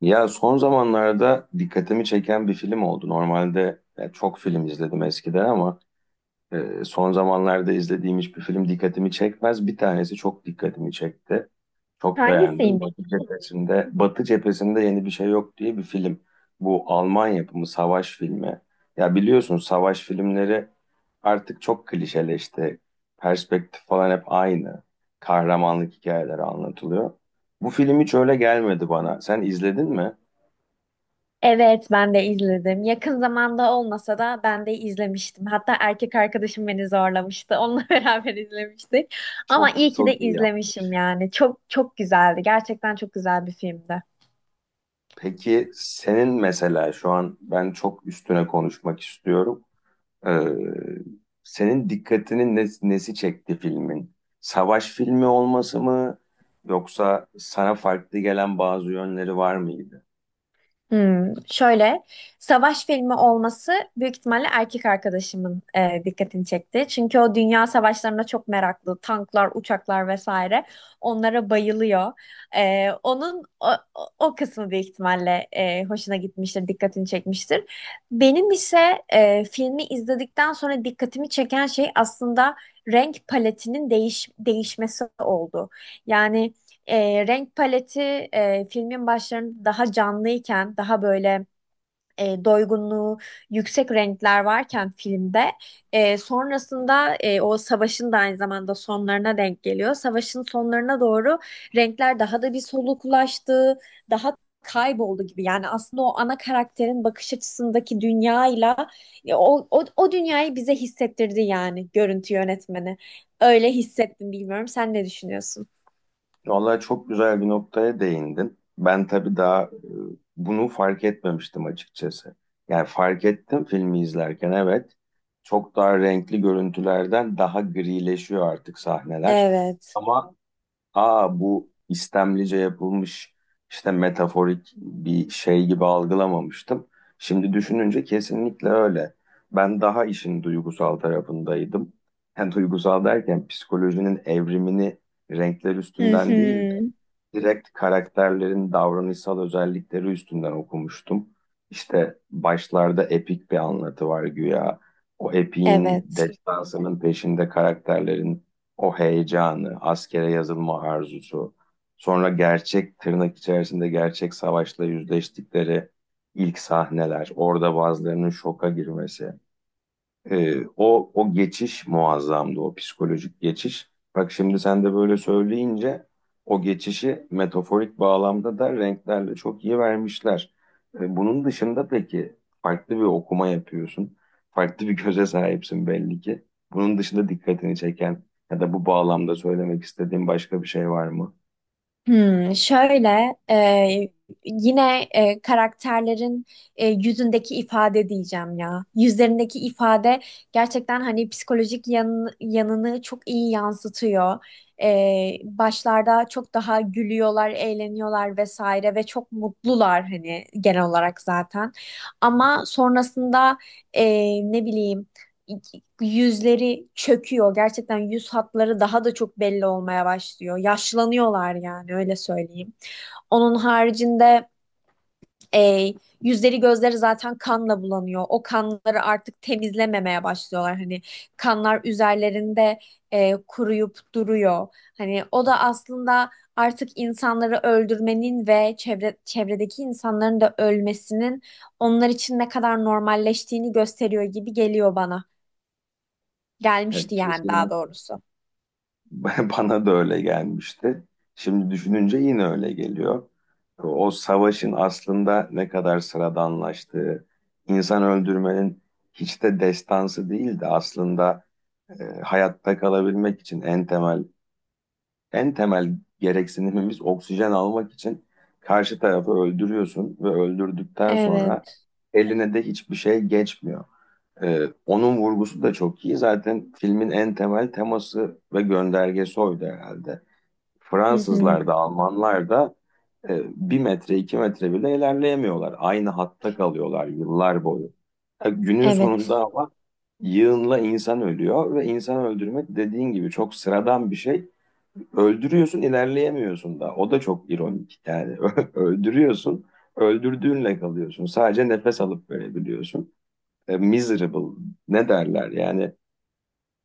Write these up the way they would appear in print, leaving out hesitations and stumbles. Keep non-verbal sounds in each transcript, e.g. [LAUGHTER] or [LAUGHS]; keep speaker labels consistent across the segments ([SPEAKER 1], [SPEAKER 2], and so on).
[SPEAKER 1] Ya son zamanlarda dikkatimi çeken bir film oldu. Normalde ya çok film izledim eskiden ama son zamanlarda izlediğim hiçbir film dikkatimi çekmez. Bir tanesi çok dikkatimi çekti. Çok beğendim.
[SPEAKER 2] Hangisiymiş?
[SPEAKER 1] Batı cephesinde, Batı cephesinde yeni bir şey yok diye bir film. Bu Alman yapımı savaş filmi. Ya biliyorsun savaş filmleri artık çok klişeleşti. Perspektif falan hep aynı. Kahramanlık hikayeleri anlatılıyor. Bu film hiç öyle gelmedi bana. Sen izledin mi?
[SPEAKER 2] Evet, ben de izledim. Yakın zamanda olmasa da ben de izlemiştim. Hatta erkek arkadaşım beni zorlamıştı. Onunla [LAUGHS] beraber izlemiştik. Ama
[SPEAKER 1] Çok
[SPEAKER 2] iyi ki de
[SPEAKER 1] çok iyi yap.
[SPEAKER 2] izlemişim yani. Çok çok güzeldi. Gerçekten çok güzel bir filmdi.
[SPEAKER 1] Peki senin mesela şu an ben çok üstüne konuşmak istiyorum. Ee, Senin nesi çekti filmin? Savaş filmi olması mı yoksa sana farklı gelen bazı yönleri var mıydı?
[SPEAKER 2] Hmm, şöyle savaş filmi olması büyük ihtimalle erkek arkadaşımın dikkatini çekti. Çünkü o dünya savaşlarına çok meraklı. Tanklar, uçaklar vesaire. Onlara bayılıyor. E, onun o, o o kısmı büyük ihtimalle hoşuna gitmiştir, dikkatini çekmiştir. Benim ise filmi izledikten sonra dikkatimi çeken şey aslında renk paletinin değişmesi oldu. Yani renk paleti filmin başlarında daha canlıyken, daha böyle doygunluğu yüksek renkler varken filmde sonrasında o savaşın da aynı zamanda sonlarına denk geliyor. Savaşın sonlarına doğru renkler daha da bir soluklaştı, daha kayboldu gibi. Yani aslında o ana karakterin bakış açısındaki dünyayla o dünyayı bize hissettirdi yani görüntü yönetmeni. Öyle hissettim bilmiyorum. Sen ne düşünüyorsun?
[SPEAKER 1] Vallahi çok güzel bir noktaya değindin. Ben tabii daha bunu fark etmemiştim açıkçası. Yani fark ettim filmi izlerken, evet. Çok daha renkli görüntülerden daha grileşiyor artık sahneler.
[SPEAKER 2] Evet.
[SPEAKER 1] Ama aa, bu istemlice yapılmış işte metaforik bir şey gibi algılamamıştım. Şimdi düşününce kesinlikle öyle. Ben daha işin duygusal tarafındaydım. Yani duygusal derken psikolojinin evrimini renkler
[SPEAKER 2] Hı
[SPEAKER 1] üstünden değil de
[SPEAKER 2] hı,
[SPEAKER 1] direkt karakterlerin davranışsal özellikleri üstünden okumuştum. İşte başlarda epik bir anlatı var güya. O epiğin
[SPEAKER 2] evet.
[SPEAKER 1] destansının peşinde karakterlerin o heyecanı, askere yazılma arzusu, sonra gerçek tırnak içerisinde gerçek savaşla yüzleştikleri ilk sahneler, orada bazılarının şoka girmesi. O geçiş muazzamdı, o psikolojik geçiş. Bak şimdi sen de böyle söyleyince o geçişi metaforik bağlamda da renklerle çok iyi vermişler. Bunun dışında peki farklı bir okuma yapıyorsun. Farklı bir göze sahipsin belli ki. Bunun dışında dikkatini çeken ya da bu bağlamda söylemek istediğin başka bir şey var mı?
[SPEAKER 2] Hmm, şöyle yine karakterlerin yüzündeki ifade diyeceğim ya. Yüzlerindeki ifade gerçekten hani psikolojik yanını çok iyi yansıtıyor. E, Başlarda çok daha gülüyorlar, eğleniyorlar vesaire ve çok mutlular hani genel olarak zaten. Ama sonrasında e, ne bileyim. Yüzleri çöküyor. Gerçekten yüz hatları daha da çok belli olmaya başlıyor. Yaşlanıyorlar yani öyle söyleyeyim. Onun haricinde e, yüzleri gözleri zaten kanla bulanıyor. O kanları artık temizlememeye başlıyorlar. Hani kanlar üzerlerinde kuruyup duruyor. Hani o da aslında artık insanları öldürmenin ve çevredeki insanların da ölmesinin onlar için ne kadar normalleştiğini gösteriyor gibi geliyor bana.
[SPEAKER 1] Yani
[SPEAKER 2] Gelmişti yani daha
[SPEAKER 1] kesin.
[SPEAKER 2] doğrusu.
[SPEAKER 1] [LAUGHS] Bana da öyle gelmişti. Şimdi düşününce yine öyle geliyor. O savaşın aslında ne kadar sıradanlaştığı, insan öldürmenin hiç de destansı değil de aslında hayatta kalabilmek için en temel en temel gereksinimimiz oksijen almak için karşı tarafı öldürüyorsun ve öldürdükten sonra
[SPEAKER 2] Evet.
[SPEAKER 1] eline de hiçbir şey geçmiyor. E, Onun vurgusu da çok iyi. Zaten filmin en temel teması ve göndergesi oydu herhalde.
[SPEAKER 2] Hı hı.
[SPEAKER 1] Fransızlar da Almanlar da bir metre iki metre bile ilerleyemiyorlar. Aynı hatta kalıyorlar yıllar boyu. Günün sonunda
[SPEAKER 2] Evet.
[SPEAKER 1] ama yığınla insan ölüyor ve insan öldürmek dediğin gibi çok sıradan bir şey. Öldürüyorsun, ilerleyemiyorsun da. O da çok ironik yani. [LAUGHS] Öldürüyorsun, öldürdüğünle kalıyorsun. Sadece nefes alıp verebiliyorsun. Miserable ne derler yani,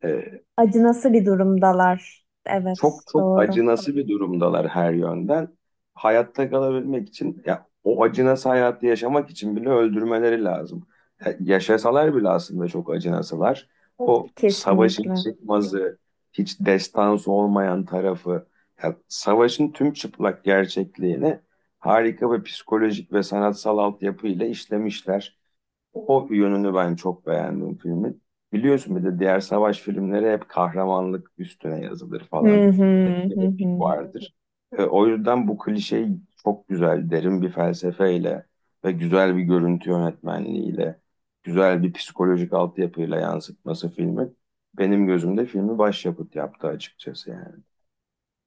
[SPEAKER 1] e,
[SPEAKER 2] Acı nasıl bir durumdalar?
[SPEAKER 1] çok
[SPEAKER 2] Evet.
[SPEAKER 1] çok
[SPEAKER 2] Doğru.
[SPEAKER 1] acınası bir durumdalar her yönden. Hayatta kalabilmek için ya o acınası hayatı yaşamak için bile öldürmeleri lazım. Yaşasalar bile aslında çok acınasılar. O savaşın
[SPEAKER 2] Kesinlikle.
[SPEAKER 1] çıkmazı, hiç destansı olmayan tarafı, ya savaşın tüm çıplak gerçekliğini harika bir psikolojik ve sanatsal altyapıyla işlemişler. O yönünü ben çok beğendim filmin. Biliyorsun bir de diğer savaş filmleri hep kahramanlık üstüne yazılır falan.
[SPEAKER 2] Hı hı,
[SPEAKER 1] Hep bir
[SPEAKER 2] hı
[SPEAKER 1] epik
[SPEAKER 2] hı.
[SPEAKER 1] vardır. O yüzden bu klişeyi çok güzel, derin bir felsefeyle ve güzel bir görüntü yönetmenliğiyle, güzel bir psikolojik altyapıyla yansıtması filmi benim gözümde filmi başyapıt yaptı açıkçası yani.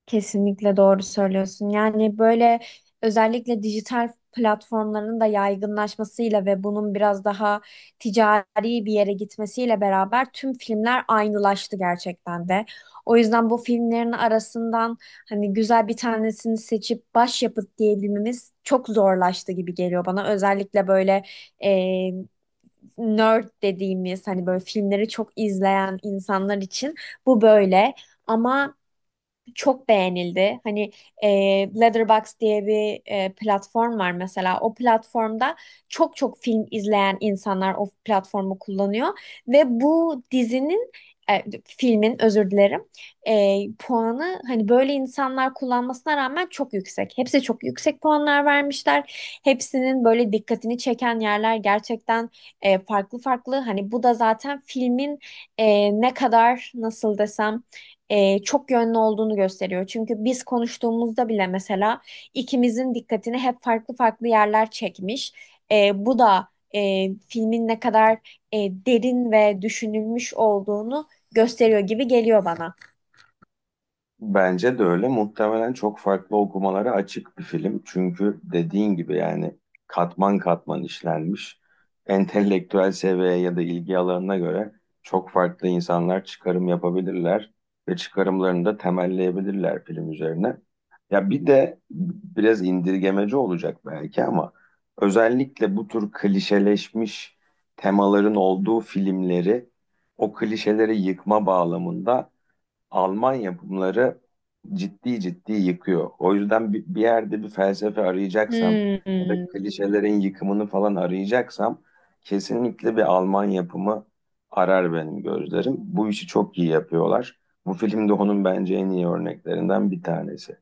[SPEAKER 2] Kesinlikle doğru söylüyorsun. Yani böyle özellikle dijital platformların da yaygınlaşmasıyla ve bunun biraz daha ticari bir yere gitmesiyle beraber tüm filmler aynılaştı gerçekten de. O yüzden bu filmlerin arasından hani güzel bir tanesini seçip başyapıt diyebilmemiz çok zorlaştı gibi geliyor bana. Özellikle böyle e, nerd dediğimiz hani böyle filmleri çok izleyen insanlar için bu böyle. Ama çok beğenildi. Hani e, Letterboxd diye bir platform var mesela. O platformda çok çok film izleyen insanlar o platformu kullanıyor ve bu dizinin filmin özür dilerim puanı hani böyle insanlar kullanmasına rağmen çok yüksek. Hepsi çok yüksek puanlar vermişler. Hepsinin böyle dikkatini çeken yerler gerçekten farklı farklı. Hani bu da zaten filmin ne kadar nasıl desem çok yönlü olduğunu gösteriyor. Çünkü biz konuştuğumuzda bile mesela ikimizin dikkatini hep farklı farklı yerler çekmiş. Bu da filmin ne kadar derin ve düşünülmüş olduğunu gösteriyor gibi geliyor bana.
[SPEAKER 1] Bence de öyle. Muhtemelen çok farklı okumalara açık bir film. Çünkü dediğin gibi yani katman katman işlenmiş. Entelektüel seviyeye ya da ilgi alanına göre çok farklı insanlar çıkarım yapabilirler ve çıkarımlarını da temelleyebilirler film üzerine. Ya bir de biraz indirgemeci olacak belki ama özellikle bu tür klişeleşmiş temaların olduğu filmleri o klişeleri yıkma bağlamında Almanya bunları ciddi ciddi yıkıyor. O yüzden bir yerde bir felsefe arayacaksam ya da
[SPEAKER 2] Hmm,
[SPEAKER 1] klişelerin yıkımını falan arayacaksam kesinlikle bir Alman yapımı arar benim gözlerim. Bu işi çok iyi yapıyorlar. Bu film de onun bence en iyi örneklerinden bir tanesi.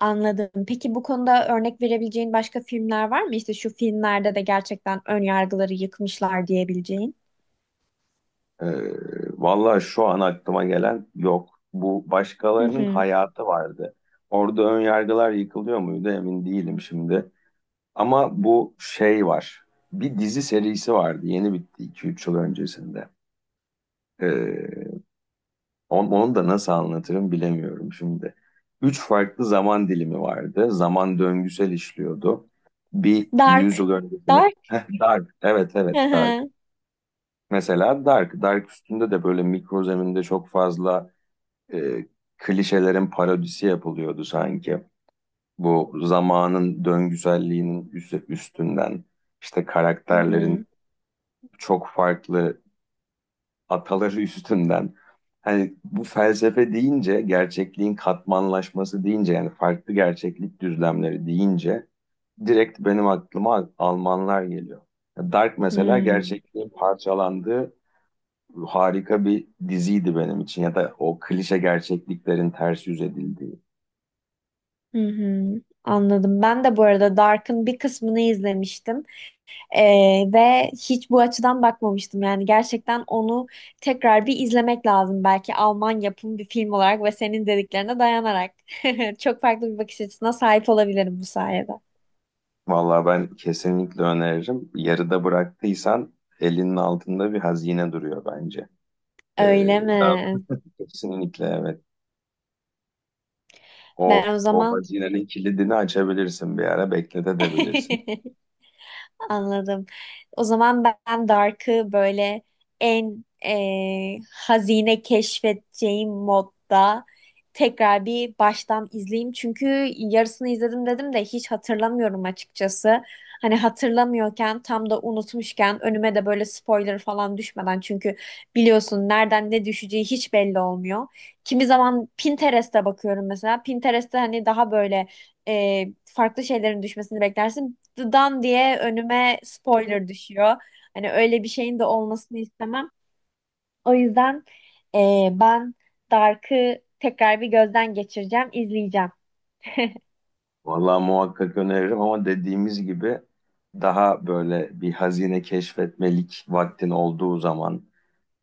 [SPEAKER 2] anladım. Peki bu konuda örnek verebileceğin başka filmler var mı? İşte şu filmlerde de gerçekten ön yargıları yıkmışlar diyebileceğin.
[SPEAKER 1] Ee, Vallahi şu an aklıma gelen yok. Bu
[SPEAKER 2] Hı
[SPEAKER 1] başkalarının
[SPEAKER 2] hı.
[SPEAKER 1] hayatı vardı. Orada ön yargılar yıkılıyor muydu emin değilim şimdi. Ama bu şey var. Bir dizi serisi vardı. Yeni bitti iki üç yıl öncesinde. Ee, Onu da nasıl anlatırım bilemiyorum şimdi. Üç farklı zaman dilimi vardı. Zaman döngüsel işliyordu. Bir 100
[SPEAKER 2] Dark.
[SPEAKER 1] yıl öncesinde.
[SPEAKER 2] Dark.
[SPEAKER 1] Heh, Dark. Evet,
[SPEAKER 2] Hı
[SPEAKER 1] evet, Dark.
[SPEAKER 2] hı.
[SPEAKER 1] Mesela Dark. Dark üstünde de böyle mikro zeminde çok fazla e, klişelerin parodisi yapılıyordu sanki. Bu zamanın döngüselliğinin üstünden işte
[SPEAKER 2] Hı hı.
[SPEAKER 1] karakterlerin çok farklı ataları [LAUGHS] üstünden. Hani bu felsefe deyince, gerçekliğin katmanlaşması deyince yani farklı gerçeklik düzlemleri deyince direkt benim aklıma Almanlar geliyor. Dark mesela
[SPEAKER 2] Hmm.
[SPEAKER 1] gerçekliğin parçalandığı harika bir diziydi benim için ya da o klişe gerçekliklerin ters yüz edildiği.
[SPEAKER 2] Hı hı, anladım. Ben de bu arada Dark'ın bir kısmını izlemiştim. Ve hiç bu açıdan bakmamıştım. Yani gerçekten onu tekrar bir izlemek lazım. Belki Alman yapım bir film olarak ve senin dediklerine dayanarak [LAUGHS] çok farklı bir bakış açısına sahip olabilirim bu sayede.
[SPEAKER 1] Vallahi ben kesinlikle öneririm. Yarıda bıraktıysan elinin altında bir hazine duruyor bence. Ee,
[SPEAKER 2] Öyle
[SPEAKER 1] Daha
[SPEAKER 2] mi?
[SPEAKER 1] kesinlikle evet.
[SPEAKER 2] Ben o
[SPEAKER 1] O
[SPEAKER 2] zaman
[SPEAKER 1] hazinenin kilidini açabilirsin, bir ara bekletebilirsin.
[SPEAKER 2] [LAUGHS] anladım. O zaman ben Dark'ı böyle en hazine keşfedeceğim modda tekrar bir baştan izleyeyim. Çünkü yarısını izledim dedim de hiç hatırlamıyorum açıkçası. Hani hatırlamıyorken tam da unutmuşken önüme de böyle spoiler falan düşmeden çünkü biliyorsun nereden ne düşeceği hiç belli olmuyor. Kimi zaman Pinterest'e bakıyorum mesela. Pinterest'te hani daha böyle farklı şeylerin düşmesini beklersin. Dan diye önüme spoiler düşüyor. Hani öyle bir şeyin de olmasını istemem. O yüzden ben Dark'ı tekrar bir gözden geçireceğim, izleyeceğim. [LAUGHS]
[SPEAKER 1] Vallahi muhakkak öneririm ama dediğimiz gibi daha böyle bir hazine keşfetmelik vaktin olduğu zaman,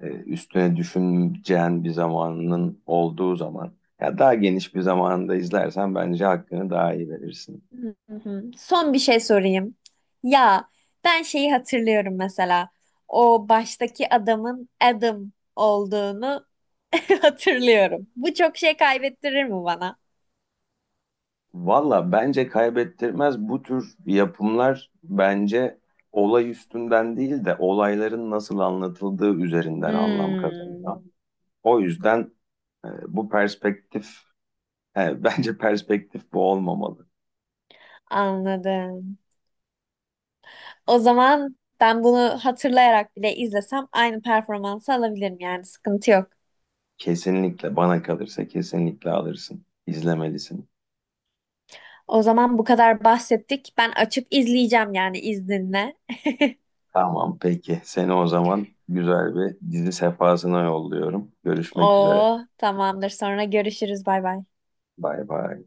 [SPEAKER 1] üstüne düşüneceğin bir zamanın olduğu zaman, ya daha geniş bir zamanında izlersen bence hakkını daha iyi verirsin.
[SPEAKER 2] Hı hı. Son bir şey sorayım. Ya ben şeyi hatırlıyorum mesela. O baştaki adamın Adam olduğunu [LAUGHS] hatırlıyorum. Bu çok şey kaybettirir mi bana?
[SPEAKER 1] Valla bence kaybettirmez, bu tür yapımlar bence olay üstünden değil de olayların nasıl anlatıldığı üzerinden anlam
[SPEAKER 2] Hmm,
[SPEAKER 1] kazanıyor. O yüzden e, bu perspektif, [LAUGHS] bence perspektif bu olmamalı.
[SPEAKER 2] anladım. O zaman ben bunu hatırlayarak bile izlesem aynı performansı alabilirim yani sıkıntı yok.
[SPEAKER 1] Kesinlikle bana kalırsa kesinlikle alırsın, izlemelisin.
[SPEAKER 2] O zaman bu kadar bahsettik. Ben açıp izleyeceğim yani izninle.
[SPEAKER 1] Tamam, peki. Seni o zaman güzel bir dizi sefasına yolluyorum. Görüşmek üzere.
[SPEAKER 2] Oo tamamdır. Sonra görüşürüz. Bay bay.
[SPEAKER 1] Bay bay.